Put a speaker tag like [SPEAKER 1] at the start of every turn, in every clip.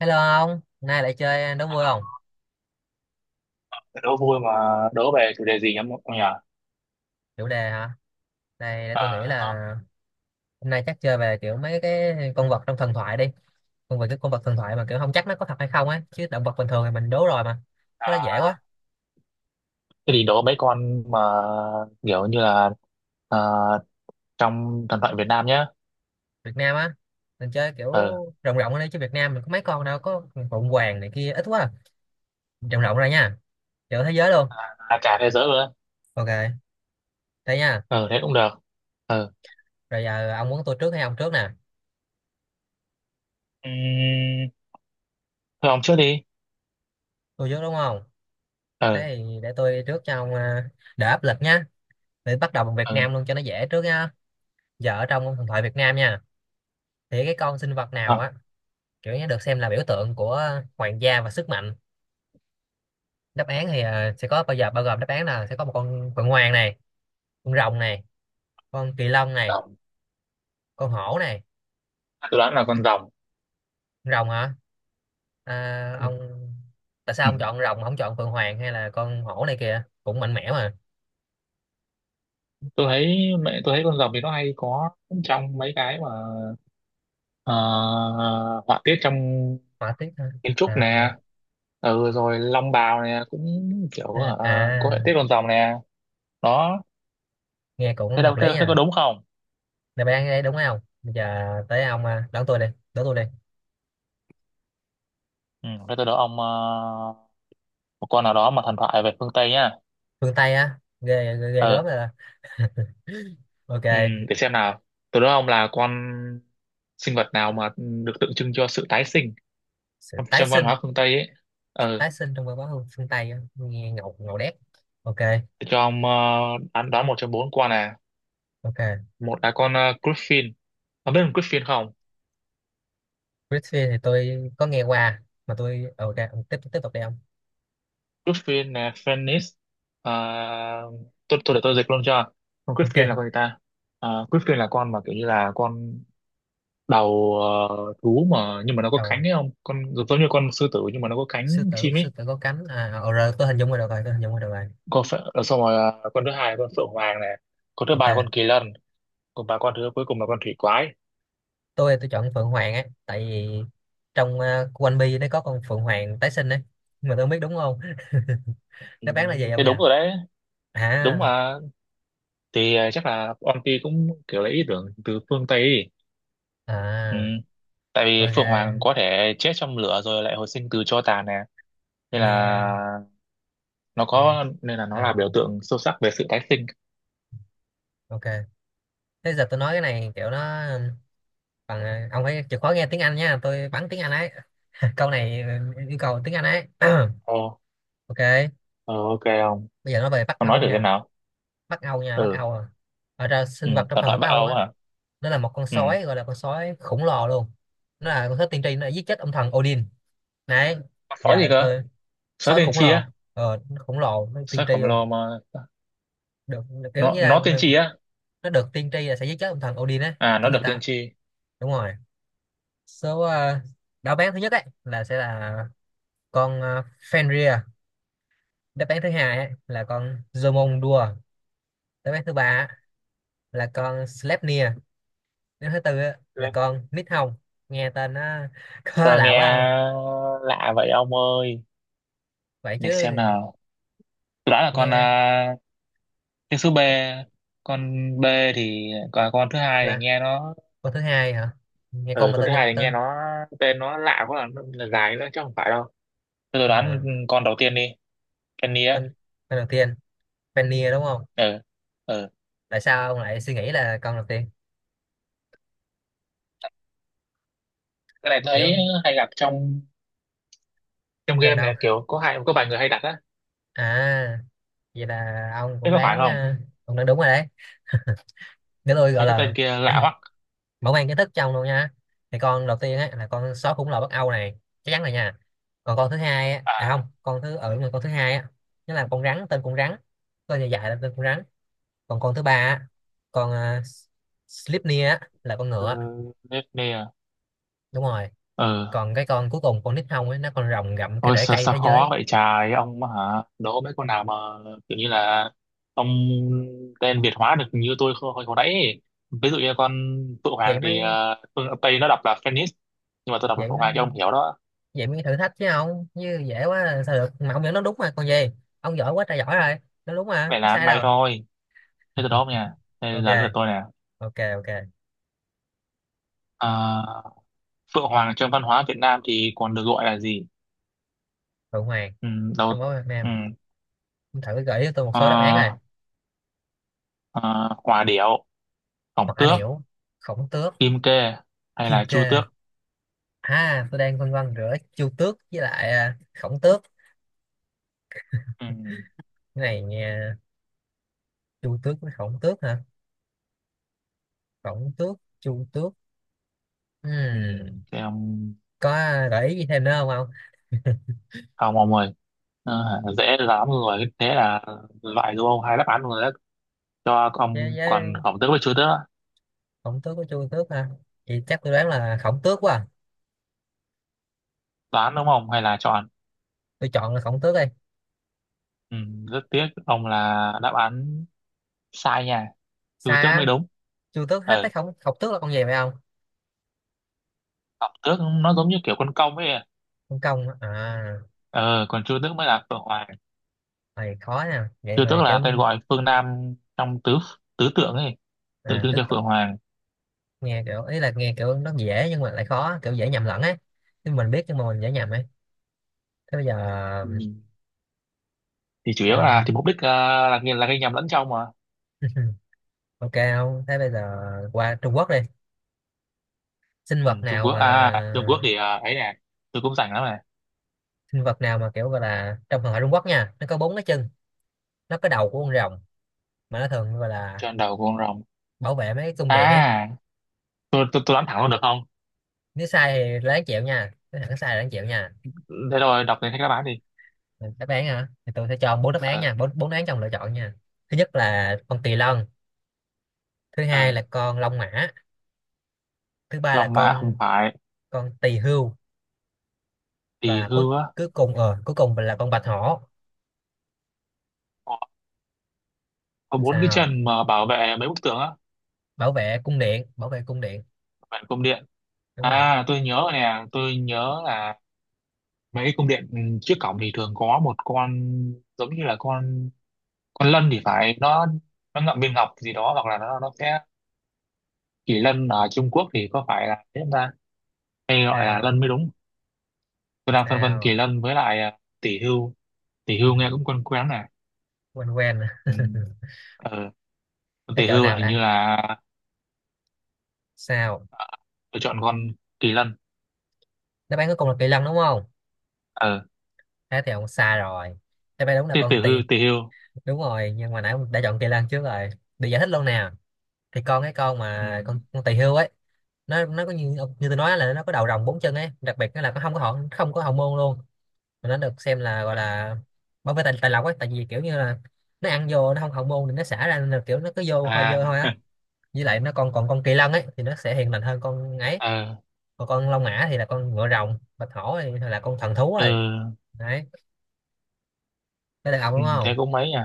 [SPEAKER 1] Hello ông, hôm nay lại chơi đố vui không?
[SPEAKER 2] Đố vui mà. Đố về chủ đề gì nhỉ ông nhỉ?
[SPEAKER 1] Chủ đề hả? Này để tôi nghĩ là
[SPEAKER 2] Đó.
[SPEAKER 1] hôm nay chắc chơi về kiểu mấy cái con vật trong thần thoại đi. Con vật thần thoại mà kiểu không chắc nó có thật hay không á, chứ động vật bình thường thì mình đố rồi mà. Cái đó dễ
[SPEAKER 2] à,
[SPEAKER 1] quá.
[SPEAKER 2] Thế thì đố mấy con mà kiểu như là à, trong thần thoại Việt Nam nhé.
[SPEAKER 1] Việt Nam á, mình chơi kiểu
[SPEAKER 2] Ừ.
[SPEAKER 1] rộng rộng ra đi chứ Việt Nam mình có mấy con đâu, có phụng hoàng này kia ít quá. À. Rộng rộng ra nha, kiểu thế giới luôn.
[SPEAKER 2] À, cả thế giới luôn á.
[SPEAKER 1] Ok, thế nha.
[SPEAKER 2] Ừ, thế cũng được. Ừ.
[SPEAKER 1] Rồi giờ ông muốn tôi trước hay ông trước nè?
[SPEAKER 2] Ừm, Thôi ông trước đi.
[SPEAKER 1] Tôi trước đúng không?
[SPEAKER 2] Ừ.
[SPEAKER 1] Thế thì để tôi đi trước cho ông, đỡ áp lực nhá. Để bắt đầu bằng Việt Nam
[SPEAKER 2] Ừ,
[SPEAKER 1] luôn cho nó dễ trước nha. Giờ ở trong thần thoại Việt Nam nha, thì cái con sinh vật nào
[SPEAKER 2] không,
[SPEAKER 1] á, kiểu như được xem là biểu tượng của hoàng gia và sức mạnh. Đáp án thì sẽ có, bao gồm đáp án là sẽ có một con phượng hoàng này, con rồng này, con kỳ lân này,
[SPEAKER 2] rồng.
[SPEAKER 1] con hổ này.
[SPEAKER 2] Tôi đoán là con rồng.
[SPEAKER 1] Con rồng hả? À,
[SPEAKER 2] Ừ.
[SPEAKER 1] ông, tại sao
[SPEAKER 2] Ừ.
[SPEAKER 1] ông chọn rồng mà không chọn phượng hoàng hay là con hổ này kìa, cũng mạnh mẽ mà.
[SPEAKER 2] Tôi thấy mẹ tôi thấy con rồng thì nó hay có trong mấy cái mà ờ, họa tiết trong
[SPEAKER 1] Hỏa tiết hả?
[SPEAKER 2] kiến trúc
[SPEAKER 1] À,
[SPEAKER 2] nè. Ừ, rồi Long Bào nè cũng kiểu
[SPEAKER 1] à,
[SPEAKER 2] có hệ
[SPEAKER 1] à,
[SPEAKER 2] tiết con rồng nè. Đó.
[SPEAKER 1] nghe cũng
[SPEAKER 2] Thế
[SPEAKER 1] hợp
[SPEAKER 2] đâu thế,
[SPEAKER 1] lý
[SPEAKER 2] thế có
[SPEAKER 1] nha.
[SPEAKER 2] đúng không?
[SPEAKER 1] Đáp án đấy đúng không? Bây giờ tới ông, đón tôi đi. Đón tôi đi.
[SPEAKER 2] Ừ, thế tôi đố ông một con nào đó mà thần thoại về phương Tây nhá.
[SPEAKER 1] Phương Tây á, ghê ghê, ghê gớm
[SPEAKER 2] Ờ.
[SPEAKER 1] rồi đó. Ok.
[SPEAKER 2] Ừ, để xem nào. Tôi đố ông là con sinh vật nào mà được tượng trưng cho sự tái sinh
[SPEAKER 1] Sự
[SPEAKER 2] trong
[SPEAKER 1] tái
[SPEAKER 2] trong văn
[SPEAKER 1] sinh.
[SPEAKER 2] hóa phương Tây ấy. Ờ,
[SPEAKER 1] Tái sinh trong văn hóa phương Tây á, nghe ngầu ngầu đét. Ok.
[SPEAKER 2] để cho ông đoán đoán một trong bốn con này.
[SPEAKER 1] Ok.
[SPEAKER 2] Một là con Griffin. Ông biết con Griffin không?
[SPEAKER 1] Britfield thì tôi có nghe qua mà tôi ok, ông tiếp tiếp tục đi ông.
[SPEAKER 2] Griffin nè, Phoenix. Tôi để tôi dịch luôn cho. Con Griffin là
[SPEAKER 1] Ok.
[SPEAKER 2] con gì ta? À, Griffin là con mà kiểu như là con đầu, thú mà, nhưng mà nó có cánh
[SPEAKER 1] Đầu
[SPEAKER 2] ấy, không con giống giống như con sư tử nhưng mà nó có cánh chim
[SPEAKER 1] sư
[SPEAKER 2] ấy.
[SPEAKER 1] tử có cánh à, rồi tôi hình dung rồi được rồi, tôi hình dung rồi được rồi.
[SPEAKER 2] Con phệ, xong rồi. Con thứ hai là con phượng hoàng này, con thứ
[SPEAKER 1] Ok.
[SPEAKER 2] ba là con kỳ lân, còn ba con thứ cuối cùng là con thủy quái.
[SPEAKER 1] Tôi chọn Phượng Hoàng á, tại vì trong One Piece nó có con Phượng Hoàng tái sinh đấy, nhưng mà tôi không biết đúng không.
[SPEAKER 2] Ừ,
[SPEAKER 1] Đáp án là gì ông
[SPEAKER 2] thế
[SPEAKER 1] nhỉ?
[SPEAKER 2] đúng rồi đấy. Đúng
[SPEAKER 1] À.
[SPEAKER 2] mà. Thì chắc là Onti cũng kiểu lấy ý tưởng từ phương Tây ấy. Ừ.
[SPEAKER 1] À.
[SPEAKER 2] Tại vì
[SPEAKER 1] Ok.
[SPEAKER 2] phượng hoàng có thể chết trong lửa rồi lại hồi sinh từ tro tàn nè, nên là
[SPEAKER 1] Nghe.
[SPEAKER 2] nó
[SPEAKER 1] Nghe.
[SPEAKER 2] có, nên là nó
[SPEAKER 1] À.
[SPEAKER 2] là biểu tượng sâu sắc về sự tái sinh.
[SPEAKER 1] Ok. Thế giờ tôi nói cái này kiểu nó còn, ông phải chịu khó nghe tiếng Anh nha, tôi bắn tiếng Anh ấy. Câu này yêu cầu tiếng Anh ấy.
[SPEAKER 2] Ồ.
[SPEAKER 1] Ok.
[SPEAKER 2] ờ, ok không?
[SPEAKER 1] Bây giờ nói về Bắc
[SPEAKER 2] Con nói
[SPEAKER 1] Âu
[SPEAKER 2] thử xem
[SPEAKER 1] nha.
[SPEAKER 2] nào.
[SPEAKER 1] Bắc Âu nha, Bắc
[SPEAKER 2] Ừ.
[SPEAKER 1] Âu à. Ở ra
[SPEAKER 2] Ừ,
[SPEAKER 1] Sinh vật trong
[SPEAKER 2] thần
[SPEAKER 1] thần ở
[SPEAKER 2] thoại
[SPEAKER 1] Bắc
[SPEAKER 2] Bắc
[SPEAKER 1] Âu
[SPEAKER 2] Âu
[SPEAKER 1] á,
[SPEAKER 2] hả?
[SPEAKER 1] nó là một con
[SPEAKER 2] Ừ.
[SPEAKER 1] sói, gọi là con sói khổng lồ luôn. Nó là con sói tiên tri, nó đã giết chết ông thần Odin đấy.
[SPEAKER 2] Sói gì
[SPEAKER 1] Giờ
[SPEAKER 2] cơ?
[SPEAKER 1] tôi,
[SPEAKER 2] Sói
[SPEAKER 1] sói
[SPEAKER 2] tiên
[SPEAKER 1] khổng
[SPEAKER 2] tri
[SPEAKER 1] lồ,
[SPEAKER 2] á?
[SPEAKER 1] nó khổng lồ, nó tiên
[SPEAKER 2] Sói
[SPEAKER 1] tri
[SPEAKER 2] khổng
[SPEAKER 1] luôn.
[SPEAKER 2] lồ mà.
[SPEAKER 1] Được, kiểu
[SPEAKER 2] nó
[SPEAKER 1] như là
[SPEAKER 2] nó tiên tri á?
[SPEAKER 1] nó được tiên tri là sẽ giết chết ông thần Odin á,
[SPEAKER 2] À, nó
[SPEAKER 1] kiểu người
[SPEAKER 2] được tiên
[SPEAKER 1] ta.
[SPEAKER 2] tri.
[SPEAKER 1] Đúng rồi. Số Đáp án thứ nhất ấy là sẽ là con Fenrir. Đáp án thứ hai á, là con Zomondua. Đáp án thứ ba á, là con Slepnia. Đáp án thứ tư á, là
[SPEAKER 2] Được.
[SPEAKER 1] con Nithong. Nghe tên nó có
[SPEAKER 2] Sao nghe
[SPEAKER 1] lạ quá không?
[SPEAKER 2] lạ vậy ông ơi?
[SPEAKER 1] Vậy
[SPEAKER 2] Để
[SPEAKER 1] chứ?
[SPEAKER 2] xem nào. Tôi đoán là con
[SPEAKER 1] Nghe
[SPEAKER 2] cái số B. Con B. Thì còn con thứ hai thì
[SPEAKER 1] là
[SPEAKER 2] nghe nó.
[SPEAKER 1] con thứ hai hả? Nghe con
[SPEAKER 2] Ừ,
[SPEAKER 1] mà
[SPEAKER 2] con
[SPEAKER 1] tên
[SPEAKER 2] thứ
[SPEAKER 1] gì?
[SPEAKER 2] hai thì nghe
[SPEAKER 1] Tên
[SPEAKER 2] nó, tên nó lạ quá là dài nữa chứ không phải đâu. Thế tôi đoán
[SPEAKER 1] à,
[SPEAKER 2] con đầu tiên đi. Penny á.
[SPEAKER 1] tên tên đầu tiên Fennia đúng không?
[SPEAKER 2] Ờ. Ờ,
[SPEAKER 1] Tại sao ông lại suy nghĩ là con đầu tiên?
[SPEAKER 2] cái này thấy
[SPEAKER 1] Kiểu
[SPEAKER 2] hay gặp trong trong game
[SPEAKER 1] trong đâu?
[SPEAKER 2] này, kiểu có hai, có vài người hay đặt á.
[SPEAKER 1] À, vậy là ông
[SPEAKER 2] Thế
[SPEAKER 1] cũng
[SPEAKER 2] có phải
[SPEAKER 1] đoán
[SPEAKER 2] không?
[SPEAKER 1] à, ông đoán đúng rồi đấy. Nếu tôi gọi
[SPEAKER 2] Mấy cái
[SPEAKER 1] là
[SPEAKER 2] tên kia lạ hoắc.
[SPEAKER 1] mở mang kiến thức trong luôn nha, thì con đầu tiên á là con sói khủng lồ Bắc Âu này, chắc chắn rồi nha. Còn con thứ hai á, à không,
[SPEAKER 2] À.
[SPEAKER 1] con thứ hai á, nó là con rắn, tên con rắn, tên dài dài là tên con rắn. Còn con thứ ba á, con uh, Slipnir á, là con
[SPEAKER 2] Ừ,
[SPEAKER 1] ngựa.
[SPEAKER 2] Nefne à.
[SPEAKER 1] Đúng rồi.
[SPEAKER 2] Ờ.
[SPEAKER 1] Còn cái con cuối cùng con nít hông ấy, nó con rồng gặm cái
[SPEAKER 2] Ôi
[SPEAKER 1] rễ
[SPEAKER 2] sao,
[SPEAKER 1] cây
[SPEAKER 2] sao
[SPEAKER 1] thế
[SPEAKER 2] khó
[SPEAKER 1] giới.
[SPEAKER 2] vậy trời ông mà hả, đố mấy con nào mà kiểu như là ông tên Việt hóa được như tôi hồi, hồi hồi nãy ấy. Ví dụ như con Phượng
[SPEAKER 1] vậy
[SPEAKER 2] Hoàng thì
[SPEAKER 1] mới
[SPEAKER 2] phương Tây nó đọc là Phoenix, nhưng mà tôi đọc là
[SPEAKER 1] vậy
[SPEAKER 2] Phượng
[SPEAKER 1] mới
[SPEAKER 2] Hoàng cho ông hiểu đó.
[SPEAKER 1] vậy mới thử thách chứ không như dễ quá là sao được, mà ông nhận nó đúng mà còn gì. Ông giỏi quá trời giỏi rồi, nó đúng mà
[SPEAKER 2] Vậy
[SPEAKER 1] có
[SPEAKER 2] là ăn
[SPEAKER 1] sai
[SPEAKER 2] may
[SPEAKER 1] đâu.
[SPEAKER 2] thôi. Thế từ đó không nha. Đây
[SPEAKER 1] Ok.
[SPEAKER 2] là lượt tôi nè.
[SPEAKER 1] Ok. Ok.
[SPEAKER 2] À, Phượng Hoàng trong văn hóa Việt Nam thì còn được gọi là gì?
[SPEAKER 1] Phượng Hoàng
[SPEAKER 2] Ừ, đầu.
[SPEAKER 1] trong bóng Việt
[SPEAKER 2] Ừ.
[SPEAKER 1] Nam, thử gợi cho tôi một số đáp án này.
[SPEAKER 2] ờ, ờ, Hòa điểu, Khổng
[SPEAKER 1] Hỏa
[SPEAKER 2] tước,
[SPEAKER 1] điểu. Khổng tước.
[SPEAKER 2] Kim kê hay
[SPEAKER 1] Kim
[SPEAKER 2] là Chu
[SPEAKER 1] kê.
[SPEAKER 2] tước?
[SPEAKER 1] À, tôi đang phân vân giữa chu tước với lại khổng tước.
[SPEAKER 2] Ừ.
[SPEAKER 1] Cái này nghe, chu tước với khổng tước hả? Khổng tước, chu tước.
[SPEAKER 2] Ừ,
[SPEAKER 1] Ừm,
[SPEAKER 2] thế ông
[SPEAKER 1] có gợi ý gì thêm nữa không không?
[SPEAKER 2] ông ông ơi. Ờ, dễ lắm rồi, thế là loại đúng không, hai đáp án rồi đấy cho
[SPEAKER 1] Với,
[SPEAKER 2] ông, còn Khổng tước với Chu tước á.
[SPEAKER 1] khổng tước với chu tước hả? Thì chắc tôi đoán là khổng tước quá à.
[SPEAKER 2] Đoán đúng không hay là chọn?
[SPEAKER 1] Tôi chọn là khổng tước đi.
[SPEAKER 2] Ừ, rất tiếc ông, là đáp án sai nha. Chu
[SPEAKER 1] Sai
[SPEAKER 2] tước
[SPEAKER 1] á?
[SPEAKER 2] mới đúng.
[SPEAKER 1] Chu tước, hết thấy
[SPEAKER 2] Ừ,
[SPEAKER 1] khổng khổng tước là con gì vậy không?
[SPEAKER 2] Khổng tước nó giống như kiểu con công ấy.
[SPEAKER 1] Con công á. À,
[SPEAKER 2] Ờ Còn Chu tước mới là Phượng Hoàng.
[SPEAKER 1] này khó nha, vậy
[SPEAKER 2] Chưa tức
[SPEAKER 1] mà
[SPEAKER 2] là
[SPEAKER 1] kiểu,
[SPEAKER 2] tên gọi phương Nam trong tứ tứ tượng ấy, tượng
[SPEAKER 1] à
[SPEAKER 2] trưng
[SPEAKER 1] tước,
[SPEAKER 2] cho Phượng Hoàng.
[SPEAKER 1] nghe kiểu, nó dễ nhưng mà lại khó, kiểu dễ nhầm lẫn ấy, nhưng mình biết nhưng mà mình dễ nhầm ấy. Thế bây giờ,
[SPEAKER 2] Ừ. Thì chủ yếu
[SPEAKER 1] à,
[SPEAKER 2] là thì mục đích là gây nhầm lẫn trong mà.
[SPEAKER 1] ok không, thế bây giờ qua Trung Quốc đi. sinh
[SPEAKER 2] Ừ,
[SPEAKER 1] vật
[SPEAKER 2] Trung
[SPEAKER 1] nào
[SPEAKER 2] Quốc
[SPEAKER 1] mà
[SPEAKER 2] à, Trung Quốc thì ấy nè. Tôi cũng rảnh lắm này.
[SPEAKER 1] Sinh vật nào mà kiểu gọi là, trong thần thoại Trung Quốc nha, nó có bốn cái chân, nó có đầu của con rồng, mà nó thường gọi là
[SPEAKER 2] Trên đầu con rồng.
[SPEAKER 1] bảo vệ mấy cái cung điện ấy.
[SPEAKER 2] À, tôi đoán thẳng luôn được không?
[SPEAKER 1] Nếu sai thì là đáng chịu nha, nếu thằng sai là đáng chịu nha.
[SPEAKER 2] Thế rồi đọc đến các đáp án đi.
[SPEAKER 1] Đáp án hả? Thì tôi sẽ cho ông bốn đáp án
[SPEAKER 2] Ờ.
[SPEAKER 1] nha, bốn bốn đáp án trong lựa chọn nha. Thứ nhất là con tỳ lân. Thứ hai
[SPEAKER 2] Ờ,
[SPEAKER 1] là con long mã. Thứ ba là
[SPEAKER 2] Long Mã không
[SPEAKER 1] con
[SPEAKER 2] phải.
[SPEAKER 1] con tỳ hưu.
[SPEAKER 2] Thì
[SPEAKER 1] Và cuối
[SPEAKER 2] hư á?
[SPEAKER 1] cuối cùng ờ cuối cùng là con bạch hổ.
[SPEAKER 2] Có có bốn cái
[SPEAKER 1] Sao?
[SPEAKER 2] chân mà bảo vệ mấy bức tường á?
[SPEAKER 1] Bảo vệ cung điện, bảo vệ cung điện.
[SPEAKER 2] Bảo vệ cung điện.
[SPEAKER 1] Đúng rồi.
[SPEAKER 2] À, tôi nhớ rồi nè, tôi nhớ là mấy cung điện trước cổng thì thường có một con giống như là con lân thì phải, nó ngậm viên ngọc gì đó hoặc là nó sẽ... Kỳ lân ở Trung Quốc thì có phải là thế không ta, hay gọi là lân
[SPEAKER 1] Sao?
[SPEAKER 2] mới đúng? Tôi đang phân vân kỳ
[SPEAKER 1] Sao?
[SPEAKER 2] lân với lại tỷ hưu. Tỷ
[SPEAKER 1] Ừ,
[SPEAKER 2] hưu nghe cũng quen quen này.
[SPEAKER 1] quen quen.
[SPEAKER 2] Ừ. ờ,
[SPEAKER 1] Thế
[SPEAKER 2] Tỷ
[SPEAKER 1] chợ
[SPEAKER 2] hưu là
[SPEAKER 1] nào
[SPEAKER 2] hình
[SPEAKER 1] đây?
[SPEAKER 2] như là...
[SPEAKER 1] Sao?
[SPEAKER 2] À, tôi chọn con kỳ lân.
[SPEAKER 1] Đáp án cuối cùng là kỳ lân đúng không?
[SPEAKER 2] Ờ.
[SPEAKER 1] Thế thì ông xa rồi. Đáp án đúng là
[SPEAKER 2] tỷ
[SPEAKER 1] con tỳ.
[SPEAKER 2] tỷ hưu
[SPEAKER 1] Đúng rồi, nhưng mà nãy ông đã chọn kỳ lân trước rồi. Để giải thích luôn nè, thì con cái con
[SPEAKER 2] Ừ.
[SPEAKER 1] mà con tỳ hưu ấy, nó có, như như tôi nói là, nó có đầu rồng, bốn chân ấy, đặc biệt nó không có hậu môn luôn. Mà nó được xem là, gọi là, bảo vệ tài lộc ấy, tại vì kiểu như là nó ăn vô, nó không hậu môn thì nó xả ra, nên là kiểu nó cứ vô hôi dơ
[SPEAKER 2] À.
[SPEAKER 1] thôi á. Với lại nó còn, con kỳ lân ấy thì nó sẽ hiền lành hơn con ấy.
[SPEAKER 2] Ờ.
[SPEAKER 1] Còn con long mã thì là con ngựa rồng, bạch hổ thì là con thần thú
[SPEAKER 2] Ừ.
[SPEAKER 1] rồi. Đấy. Tới lượt ông
[SPEAKER 2] Ừ,
[SPEAKER 1] đúng không?
[SPEAKER 2] thế cũng mấy à.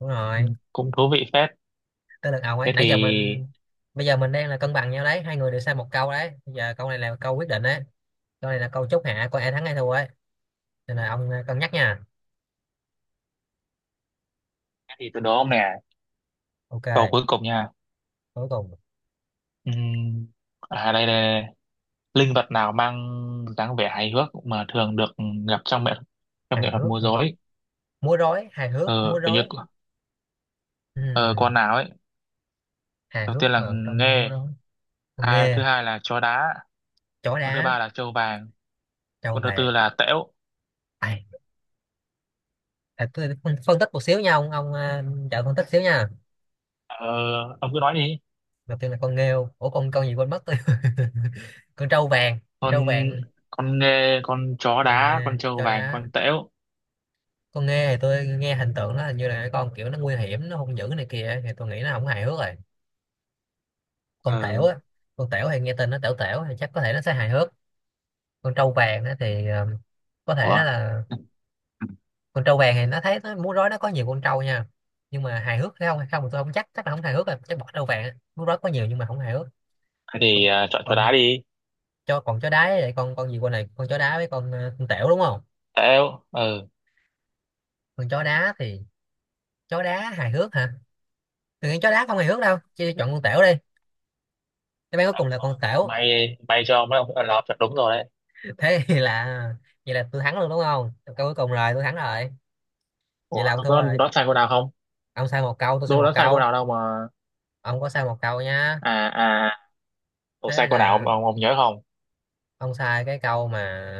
[SPEAKER 1] Đúng
[SPEAKER 2] Ừ.
[SPEAKER 1] rồi.
[SPEAKER 2] Cũng thú vị phết.
[SPEAKER 1] Tới lượt ông ấy,
[SPEAKER 2] thế thì
[SPEAKER 1] nãy giờ mình, bây giờ mình đang là cân bằng nhau đấy, hai người đều sai một câu đấy. Bây giờ câu này là câu quyết định đấy, câu này là câu chốt hạ coi ai thắng ai thua ấy, nên là ông, cân nhắc nha.
[SPEAKER 2] thế thì tôi đố ông nè,
[SPEAKER 1] Ok.
[SPEAKER 2] câu cuối cùng nha.
[SPEAKER 1] Cuối cùng.
[SPEAKER 2] Ừ. À, đây đây đây. Linh vật nào mang dáng vẻ hài hước mà thường được gặp trong nghệ
[SPEAKER 1] Hài
[SPEAKER 2] thuật
[SPEAKER 1] hước
[SPEAKER 2] múa
[SPEAKER 1] hả?
[SPEAKER 2] rối?
[SPEAKER 1] Múa rối, hài hước
[SPEAKER 2] Ờ,
[SPEAKER 1] múa
[SPEAKER 2] kiểu như
[SPEAKER 1] rối.
[SPEAKER 2] ờ,
[SPEAKER 1] Ừm
[SPEAKER 2] con nào ấy?
[SPEAKER 1] Hài
[SPEAKER 2] Đầu
[SPEAKER 1] hước
[SPEAKER 2] tiên là
[SPEAKER 1] mà trong múa
[SPEAKER 2] nghê,
[SPEAKER 1] rối. Con
[SPEAKER 2] thứ
[SPEAKER 1] nghe,
[SPEAKER 2] hai là chó đá,
[SPEAKER 1] chó
[SPEAKER 2] con thứ
[SPEAKER 1] đá,
[SPEAKER 2] ba là trâu vàng,
[SPEAKER 1] trâu
[SPEAKER 2] con thứ tư
[SPEAKER 1] vàng,
[SPEAKER 2] là tễu.
[SPEAKER 1] ai? À, tôi phân phân tích một xíu nha trợ phân tích xíu nha.
[SPEAKER 2] Ờ, ông cứ nói đi.
[SPEAKER 1] Đầu tiên là con nghêu, ủa con gì quên mất, tôi con trâu vàng,
[SPEAKER 2] con
[SPEAKER 1] trâu vàng,
[SPEAKER 2] con nghê, con chó
[SPEAKER 1] con
[SPEAKER 2] đá, con
[SPEAKER 1] nghe
[SPEAKER 2] trâu
[SPEAKER 1] chó
[SPEAKER 2] vàng,
[SPEAKER 1] đá.
[SPEAKER 2] con tễu.
[SPEAKER 1] Con nghe thì tôi nghe hình tượng nó, hình như là con kiểu nó nguy hiểm, nó hung dữ này kia, thì tôi nghĩ nó không hài hước rồi. Con tẻo
[SPEAKER 2] Ờ.
[SPEAKER 1] á, con tẻo thì nghe tên nó tẻo tẻo thì chắc có thể nó sẽ hài hước. Con trâu vàng á thì có thể
[SPEAKER 2] Ủa.
[SPEAKER 1] nó là, con trâu vàng thì nó thấy nó múa rối nó có nhiều con trâu nha, nhưng mà hài hước hay không thì tôi không chắc, là không hài hước rồi, chắc bỏ trâu vàng á. Múa rối có nhiều nhưng mà không hài hước.
[SPEAKER 2] Thế
[SPEAKER 1] còn,
[SPEAKER 2] thì chọn chó
[SPEAKER 1] còn
[SPEAKER 2] đá đi.
[SPEAKER 1] cho, còn chó đá, vậy con gì, con này con chó đá với con tẻo đúng không?
[SPEAKER 2] Tễu. Ờ.
[SPEAKER 1] Con chó đá thì, chó đá hài hước hả? Từ chó đá không hài hước đâu, chứ chọn con tẻo đi. Đáp án cuối cùng là con tẻo.
[SPEAKER 2] may may cho mấy ông là chọn đúng rồi đấy.
[SPEAKER 1] Thế thì là, vậy là tôi thắng luôn đúng không? Câu cuối cùng rồi tôi thắng rồi. Vậy là
[SPEAKER 2] Ủa,
[SPEAKER 1] ông
[SPEAKER 2] tôi
[SPEAKER 1] thua
[SPEAKER 2] có
[SPEAKER 1] rồi.
[SPEAKER 2] đoán sai cô nào không?
[SPEAKER 1] Ông sai một câu, tôi sai
[SPEAKER 2] Tôi
[SPEAKER 1] một
[SPEAKER 2] đoán sai cô
[SPEAKER 1] câu.
[SPEAKER 2] nào đâu mà.
[SPEAKER 1] Ông có sai một câu nha.
[SPEAKER 2] À, à. Ủa,
[SPEAKER 1] Thế
[SPEAKER 2] sai
[SPEAKER 1] bây
[SPEAKER 2] câu nào
[SPEAKER 1] giờ,
[SPEAKER 2] ông, nhớ không?
[SPEAKER 1] ông sai cái câu mà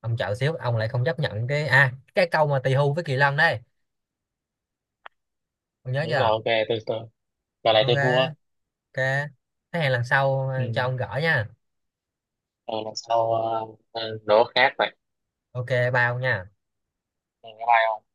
[SPEAKER 1] ông chọn xíu, ông lại không chấp nhận cái câu mà tỳ hưu với kỳ lân đây. Ông nhớ
[SPEAKER 2] Đúng rồi,
[SPEAKER 1] chưa?
[SPEAKER 2] ok, tôi, tôi, giờ này tôi thua.
[SPEAKER 1] Ok. Ok. Thế hẹn lần sau,
[SPEAKER 2] Ừ.
[SPEAKER 1] cho ông gỡ nha.
[SPEAKER 2] Rồi lần sau đố khác vậy.
[SPEAKER 1] Ok bao nha.
[SPEAKER 2] Ừ, bye bye ông.